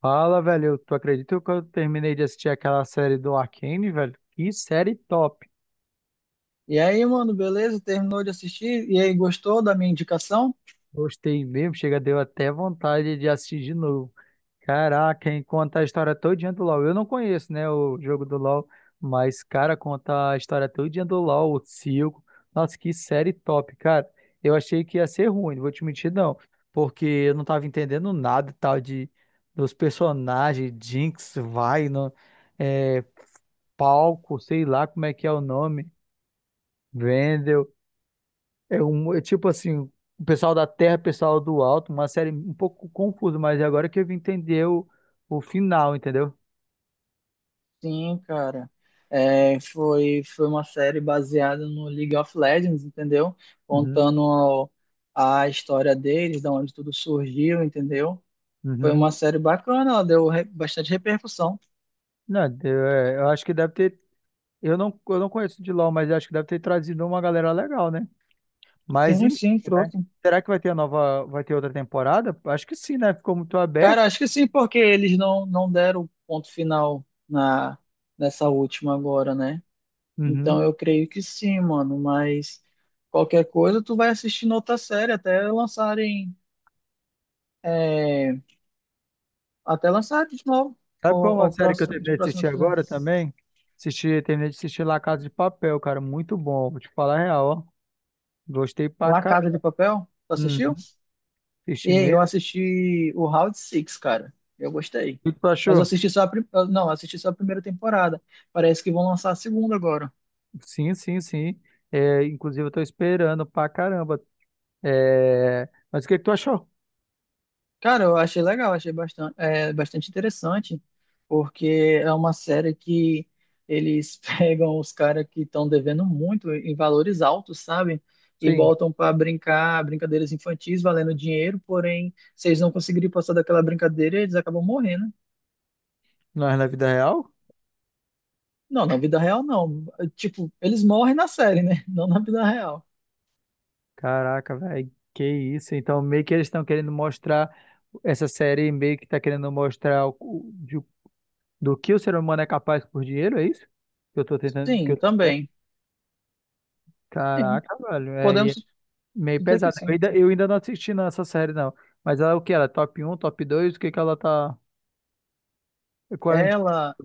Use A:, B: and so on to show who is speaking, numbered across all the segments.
A: Fala, velho. Tu acredita que eu terminei de assistir aquela série do Arcane, velho? Que série top.
B: E aí, mano, beleza? Terminou de assistir? E aí, gostou da minha indicação?
A: Gostei mesmo. Chega, deu até vontade de assistir de novo. Caraca, hein? Conta a história todinha do LoL. Eu não conheço, né, o jogo do LoL, mas, cara, conta a história todinha do LoL, o Silco. Nossa, que série top, cara. Eu achei que ia ser ruim, não vou te mentir, não. Porque eu não tava entendendo nada, tal, de, dos personagens, Jinx, Vai, não. Palco, sei lá como é que é o nome, Vendel, é tipo assim, o pessoal da terra, o pessoal do alto, uma série um pouco confusa, mas é agora que eu vim entender o final, entendeu?
B: Sim, cara. Foi uma série baseada no League of Legends, entendeu?
A: Uhum,
B: Contando a história deles, da onde tudo surgiu, entendeu? Foi
A: uhum.
B: uma série bacana, ela deu bastante repercussão.
A: Não, eu acho que deve ter, eu não conheço de LoL, mas acho que deve ter trazido uma galera legal, né? Mas
B: Sim,
A: enfim,
B: sim,
A: né?
B: trouxe.
A: Será que vai ter a nova, vai ter outra temporada? Acho que sim, né? Ficou muito
B: Cara,
A: aberto.
B: acho que sim, porque eles não deram o ponto final nessa última agora, né?
A: Uhum.
B: Então eu creio que sim, mano, mas qualquer coisa tu vai assistindo outra série até lançarem, é, até lançarem de novo
A: Sabe qual é uma
B: o
A: série que eu
B: próximo, os
A: terminei de assistir
B: próximos
A: agora
B: filmes.
A: também? Assisti, terminei de assistir La Casa de Papel, cara. Muito bom. Vou te falar a real, ó. Gostei pra
B: La Casa de
A: caramba.
B: Papel, tu assistiu?
A: Uhum.
B: E
A: Assisti
B: aí, eu
A: mesmo.
B: assisti o Round Six, cara, eu gostei.
A: O que tu
B: Mas eu
A: achou?
B: assisti só a, prim- não, eu assisti só a primeira temporada, parece que vão lançar a segunda agora.
A: Sim, sim, sim. É, inclusive, eu tô esperando pra caramba. É, mas o que que tu achou?
B: Cara, eu achei legal, achei bastante interessante, porque é uma série que eles pegam os caras que estão devendo muito em valores altos, sabe? E
A: Sim.
B: botam para brincar brincadeiras infantis valendo dinheiro, porém, se eles não conseguirem passar daquela brincadeira, eles acabam morrendo.
A: Não é na vida real?
B: Não, na vida real não. Tipo, eles morrem na série, né? Não na vida real.
A: Caraca, velho. Que isso. Então, meio que eles estão querendo mostrar. Essa série meio que tá querendo mostrar do que o ser humano é capaz por dinheiro, é isso? Que eu tô tentando. Que
B: Sim, também. Sim,
A: caraca, velho. É, e é
B: podemos
A: meio
B: dizer que
A: pesado.
B: sim.
A: Eu ainda não assisti não, essa série, não. Mas ela é o que? Ela é top um, top 2? O que que ela tá. Qual é o indi-
B: Ela,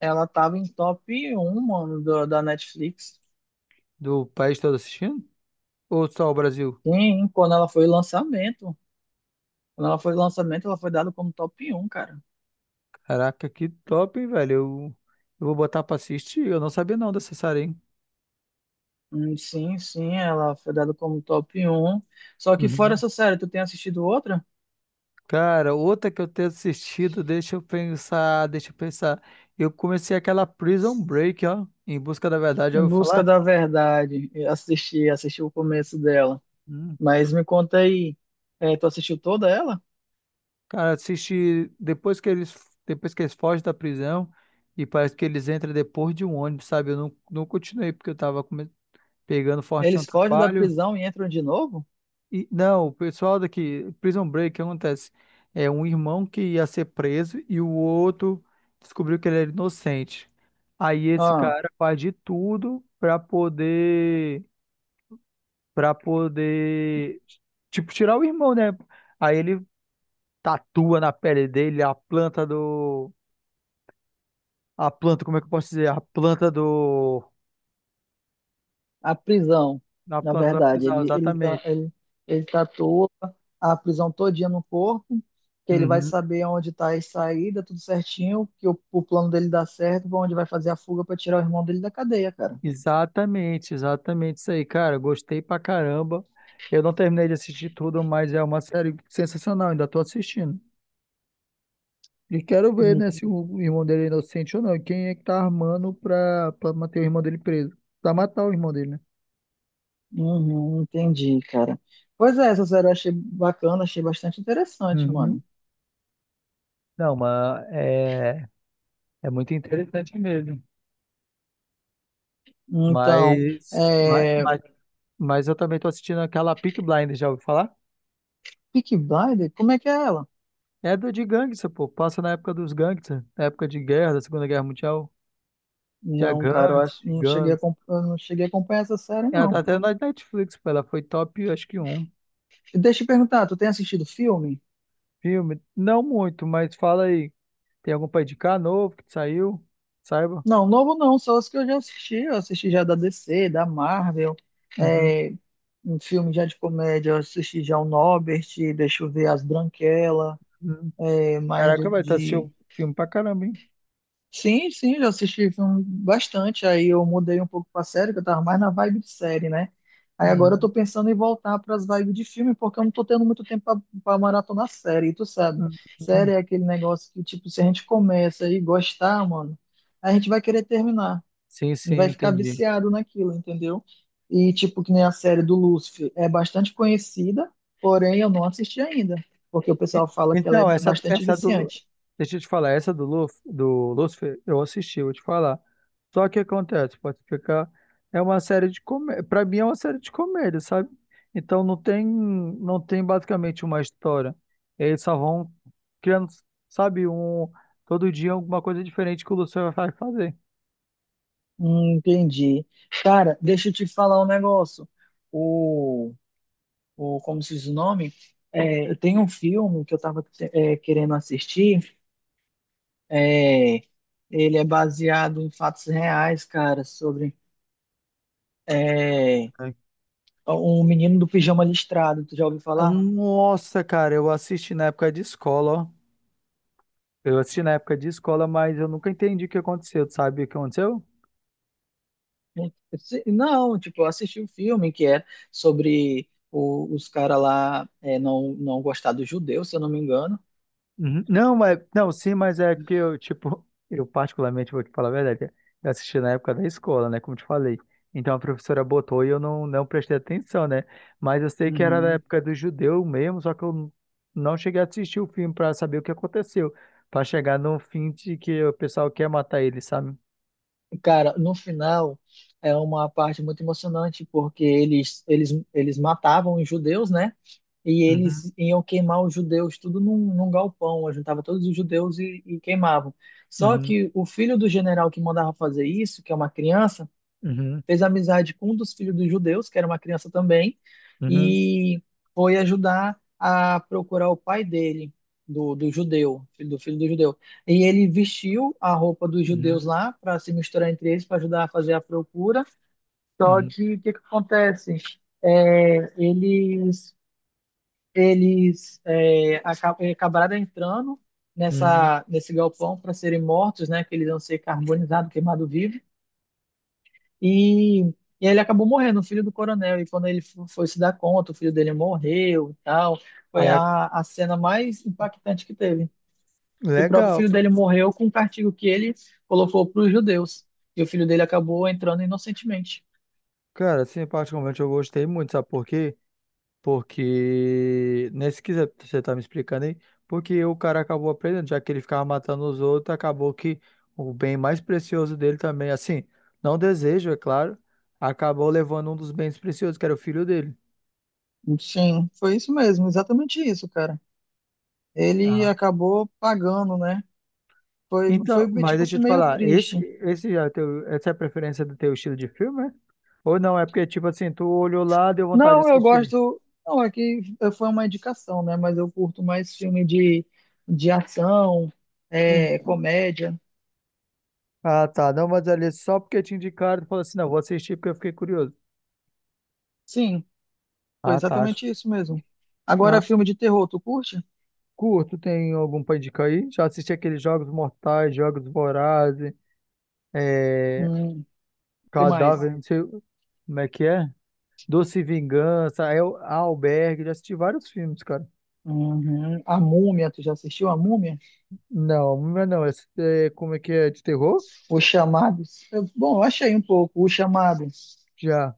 B: Ela tava em top um mano, da Netflix.
A: Do país todo assistindo? Ou só o Brasil?
B: Sim, quando ela foi lançamento, ela foi dada como top um cara.
A: Caraca, que top, hein, velho. Eu vou botar pra assistir. Eu não sabia não dessa série, hein?
B: Hum. Sim, sim, ela foi dada como top um. Só que fora
A: Uhum.
B: essa série, tu tem assistido outra?
A: Cara, outra que eu tenho assistido, deixa eu pensar. Eu comecei aquela Prison Break, ó. Em Busca da Verdade, já
B: Em
A: ouviu
B: Busca
A: falar?
B: da Verdade. Eu assisti, assisti o começo dela. Mas me conta aí, tu assistiu toda ela?
A: Cara, assisti depois que eles fogem da prisão e parece que eles entram depois de um ônibus, sabe? Eu não, não continuei porque eu tava pegando forte no
B: Eles fogem da
A: trabalho.
B: prisão e entram de novo?
A: E não, o pessoal daqui, Prison Break, o que acontece? É um irmão que ia ser preso e o outro descobriu que ele era inocente. Aí esse
B: Ah,
A: cara faz de tudo pra poder para poder tipo tirar o irmão, né? Aí ele tatua na pele dele a planta, como é que eu posso dizer? A planta do.
B: a prisão,
A: Na
B: na
A: planta da
B: verdade.
A: prisão,
B: Ele, ele, ta-
A: exatamente.
B: ele, ele tatua a prisão todinha no corpo, que ele vai
A: Uhum.
B: saber onde está a saída, tudo certinho, que o plano dele dá certo, pra onde vai fazer a fuga para tirar o irmão dele da cadeia, cara.
A: Exatamente, exatamente isso aí, cara. Gostei pra caramba. Eu não terminei de assistir tudo, mas é uma série sensacional, ainda tô assistindo. E quero ver,
B: Hum.
A: né, se o irmão dele é inocente ou não. E quem é que tá armando pra manter o irmão dele preso? Pra matar o irmão dele, né?
B: Uhum, entendi, cara. Pois é, essa série eu achei bacana, achei bastante interessante,
A: Uhum.
B: mano.
A: Não, é muito interessante mesmo.
B: Então,
A: Mas, mas,
B: é...
A: mas, mas eu também tô assistindo aquela Peaky Blinders, já ouviu falar?
B: Peaky Blinders, como é que é ela?
A: É do de gangster, pô. Passa na época dos gangsters, na época de guerra, da Segunda Guerra Mundial. Tinha
B: Não, cara, eu
A: gangsters,
B: acho, não cheguei a,
A: ciganos.
B: acom- eu não cheguei a acompanhar essa série,
A: Ela tá
B: não.
A: até na Netflix, pô. Ela foi top, acho que um
B: E deixa eu te perguntar, tu tem assistido filme?
A: filme. Não muito, mas fala aí. Tem algum pra indicar novo que saiu? Saiba.
B: Não, novo não, só os que eu já assisti. Eu assisti já da DC, da Marvel,
A: Uhum.
B: é, um filme já de comédia, eu assisti já o Norbert, deixa eu ver, As Branquelas,
A: Uhum.
B: é, mais de,
A: Caraca, vai, estar
B: de-
A: assistindo filme pra caramba, hein?
B: Sim, sim, já assisti filme bastante. Aí eu mudei um pouco pra série, que eu tava mais na vibe de série, né? Aí agora eu
A: Uhum.
B: tô pensando em voltar pras vibes de filme, porque eu não tô tendo muito tempo pra maratonar série, e tu sabe.
A: Uhum, uhum.
B: Série é aquele negócio que, tipo, se a gente começa e gostar, mano, a gente vai querer terminar.
A: Sim,
B: E
A: sim,
B: vai ficar
A: entendi.
B: viciado naquilo, entendeu? E tipo, que nem a série do Lúcifer é bastante conhecida, porém eu não assisti ainda, porque o
A: E-
B: pessoal fala que ela é
A: então,
B: bastante
A: essa do.
B: viciante.
A: Deixa eu te falar, essa do, Luf, do Lucifer, eu assisti, eu vou te falar. Só que acontece, pode explicar. É uma série de comédia. Pra mim é uma série de comédia, sabe? Então não tem basicamente uma história. Eles só vão criando, sabe, um. Todo dia alguma coisa diferente que o Lucifer vai fazer.
B: Entendi. Cara, deixa eu te falar um negócio. O, o como se diz o nome? É, eu tenho um filme que eu estava querendo assistir. É, ele é baseado em fatos reais, cara, sobre é,
A: Ah,
B: um menino do pijama listrado. Tu já ouviu falar?
A: nossa, cara, eu assisti na época de escola, ó. Eu assisti na época de escola, mas eu nunca entendi o que aconteceu. Tu sabe o que aconteceu?
B: Não, tipo, eu assisti um filme que é sobre os caras lá não gostar dos judeus, se eu não me engano.
A: Uhum. Não, mas não, sim, mas é que eu, tipo, eu particularmente vou te falar a verdade. Eu assisti na época da escola, né? Como te falei. Então a professora botou e eu não, não prestei atenção, né? Mas eu sei que era da
B: Uhum.
A: época do judeu mesmo, só que eu não cheguei a assistir o filme pra saber o que aconteceu. Pra chegar no fim de que o pessoal quer matar ele, sabe?
B: Cara, no final é uma parte muito emocionante, porque eles matavam os judeus, né? E
A: Uhum,
B: eles iam queimar os judeus tudo num galpão, juntava todos os judeus e queimavam. Só
A: uhum,
B: que o filho do general que mandava fazer isso, que é uma criança,
A: uhum,
B: fez amizade com um dos filhos dos judeus, que era uma criança também,
A: uhum,
B: e foi ajudar a procurar o pai dele, do judeu, filho do judeu. E ele vestiu a roupa dos judeus
A: uhum,
B: lá para se misturar entre eles, para ajudar a fazer a procura. Só
A: uhum,
B: que o que, que acontece? É, eles eles é, aca- é, acabaram entrando
A: uhum.
B: nessa nesse galpão para serem mortos, né? Que eles iam ser carbonizados, queimados vivos. E, e aí ele acabou morrendo, o filho do coronel. E quando ele foi se dar conta, o filho dele morreu e tal. Foi
A: Aí, é-
B: a cena mais impactante que teve. Que o próprio
A: legal.
B: filho dele morreu com um castigo que ele colocou para os judeus. E o filho dele acabou entrando inocentemente.
A: Cara, assim, particularmente eu gostei muito, sabe por quê? Porque, nesse que você tá me explicando aí, porque o cara acabou aprendendo, já que ele ficava matando os outros, acabou que o bem mais precioso dele também, assim, não desejo, é claro, acabou levando um dos bens preciosos, que era o filho dele.
B: Sim, foi isso mesmo, exatamente isso, cara. Ele
A: Ah,
B: acabou pagando, né? Foi,
A: então,
B: foi
A: mas
B: tipo
A: deixa
B: assim,
A: eu te
B: meio
A: falar,
B: triste.
A: esse é teu, essa é a preferência do teu estilo de filme, é? Ou não? É porque, tipo assim, tu olhou lá, deu vontade de
B: Não, eu
A: assistir.
B: gosto. Não, é que foi uma indicação, né? Mas eu curto mais filme de ação,
A: Hum.
B: é, comédia.
A: Ah, tá. Não, mas ali é só porque te indicaram, tu falou assim, não, vou assistir porque eu fiquei curioso.
B: Sim, foi
A: Ah, tá.
B: exatamente isso mesmo. Agora,
A: Ah,
B: filme de terror, tu curte?
A: curto, tem algum pra indicar aí? Já assisti aqueles Jogos Mortais, Jogos Vorazes, é,
B: Hum, que mais?
A: Cadáver, não sei como é que é. Doce Vingança, El, Albergue, já assisti vários filmes, cara.
B: Uhum. A Múmia, tu já assistiu A Múmia?
A: Não, não, é não, esse é, como é que é, de terror?
B: Os Chamados? Bom, eu achei um pouco, Os Chamados.
A: Já.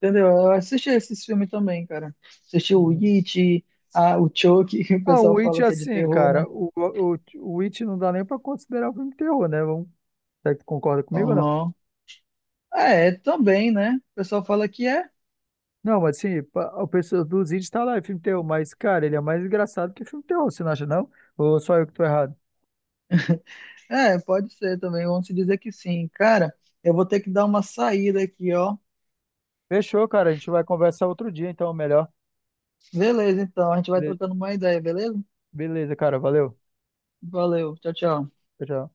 B: Entendeu? Eu assisti esses filmes também, cara. Assisti o
A: Uhum.
B: It, o Chucky, que o
A: Ah, o
B: pessoal
A: It,
B: fala que é de
A: assim,
B: terror,
A: cara,
B: né?
A: o It não dá nem pra considerar um filme de terror, né? Vamos, será que tu concorda comigo ou não?
B: Aham. É, também, né? O pessoal fala que é.
A: Não, mas assim, pa- o pessoal dos It tá lá, é filme de terror, mas, cara, ele é mais engraçado que filme de terror, você não acha, não? Ou só eu que tô errado?
B: É, pode ser também. Vamos se dizer que sim. Cara, eu vou ter que dar uma saída aqui, ó.
A: Fechou, cara. A gente vai conversar outro dia, então, melhor.
B: Beleza, então. A gente vai
A: Bele-
B: trocando uma ideia, beleza?
A: beleza, cara. Valeu.
B: Valeu. Tchau, tchau.
A: Tchau. Tchau.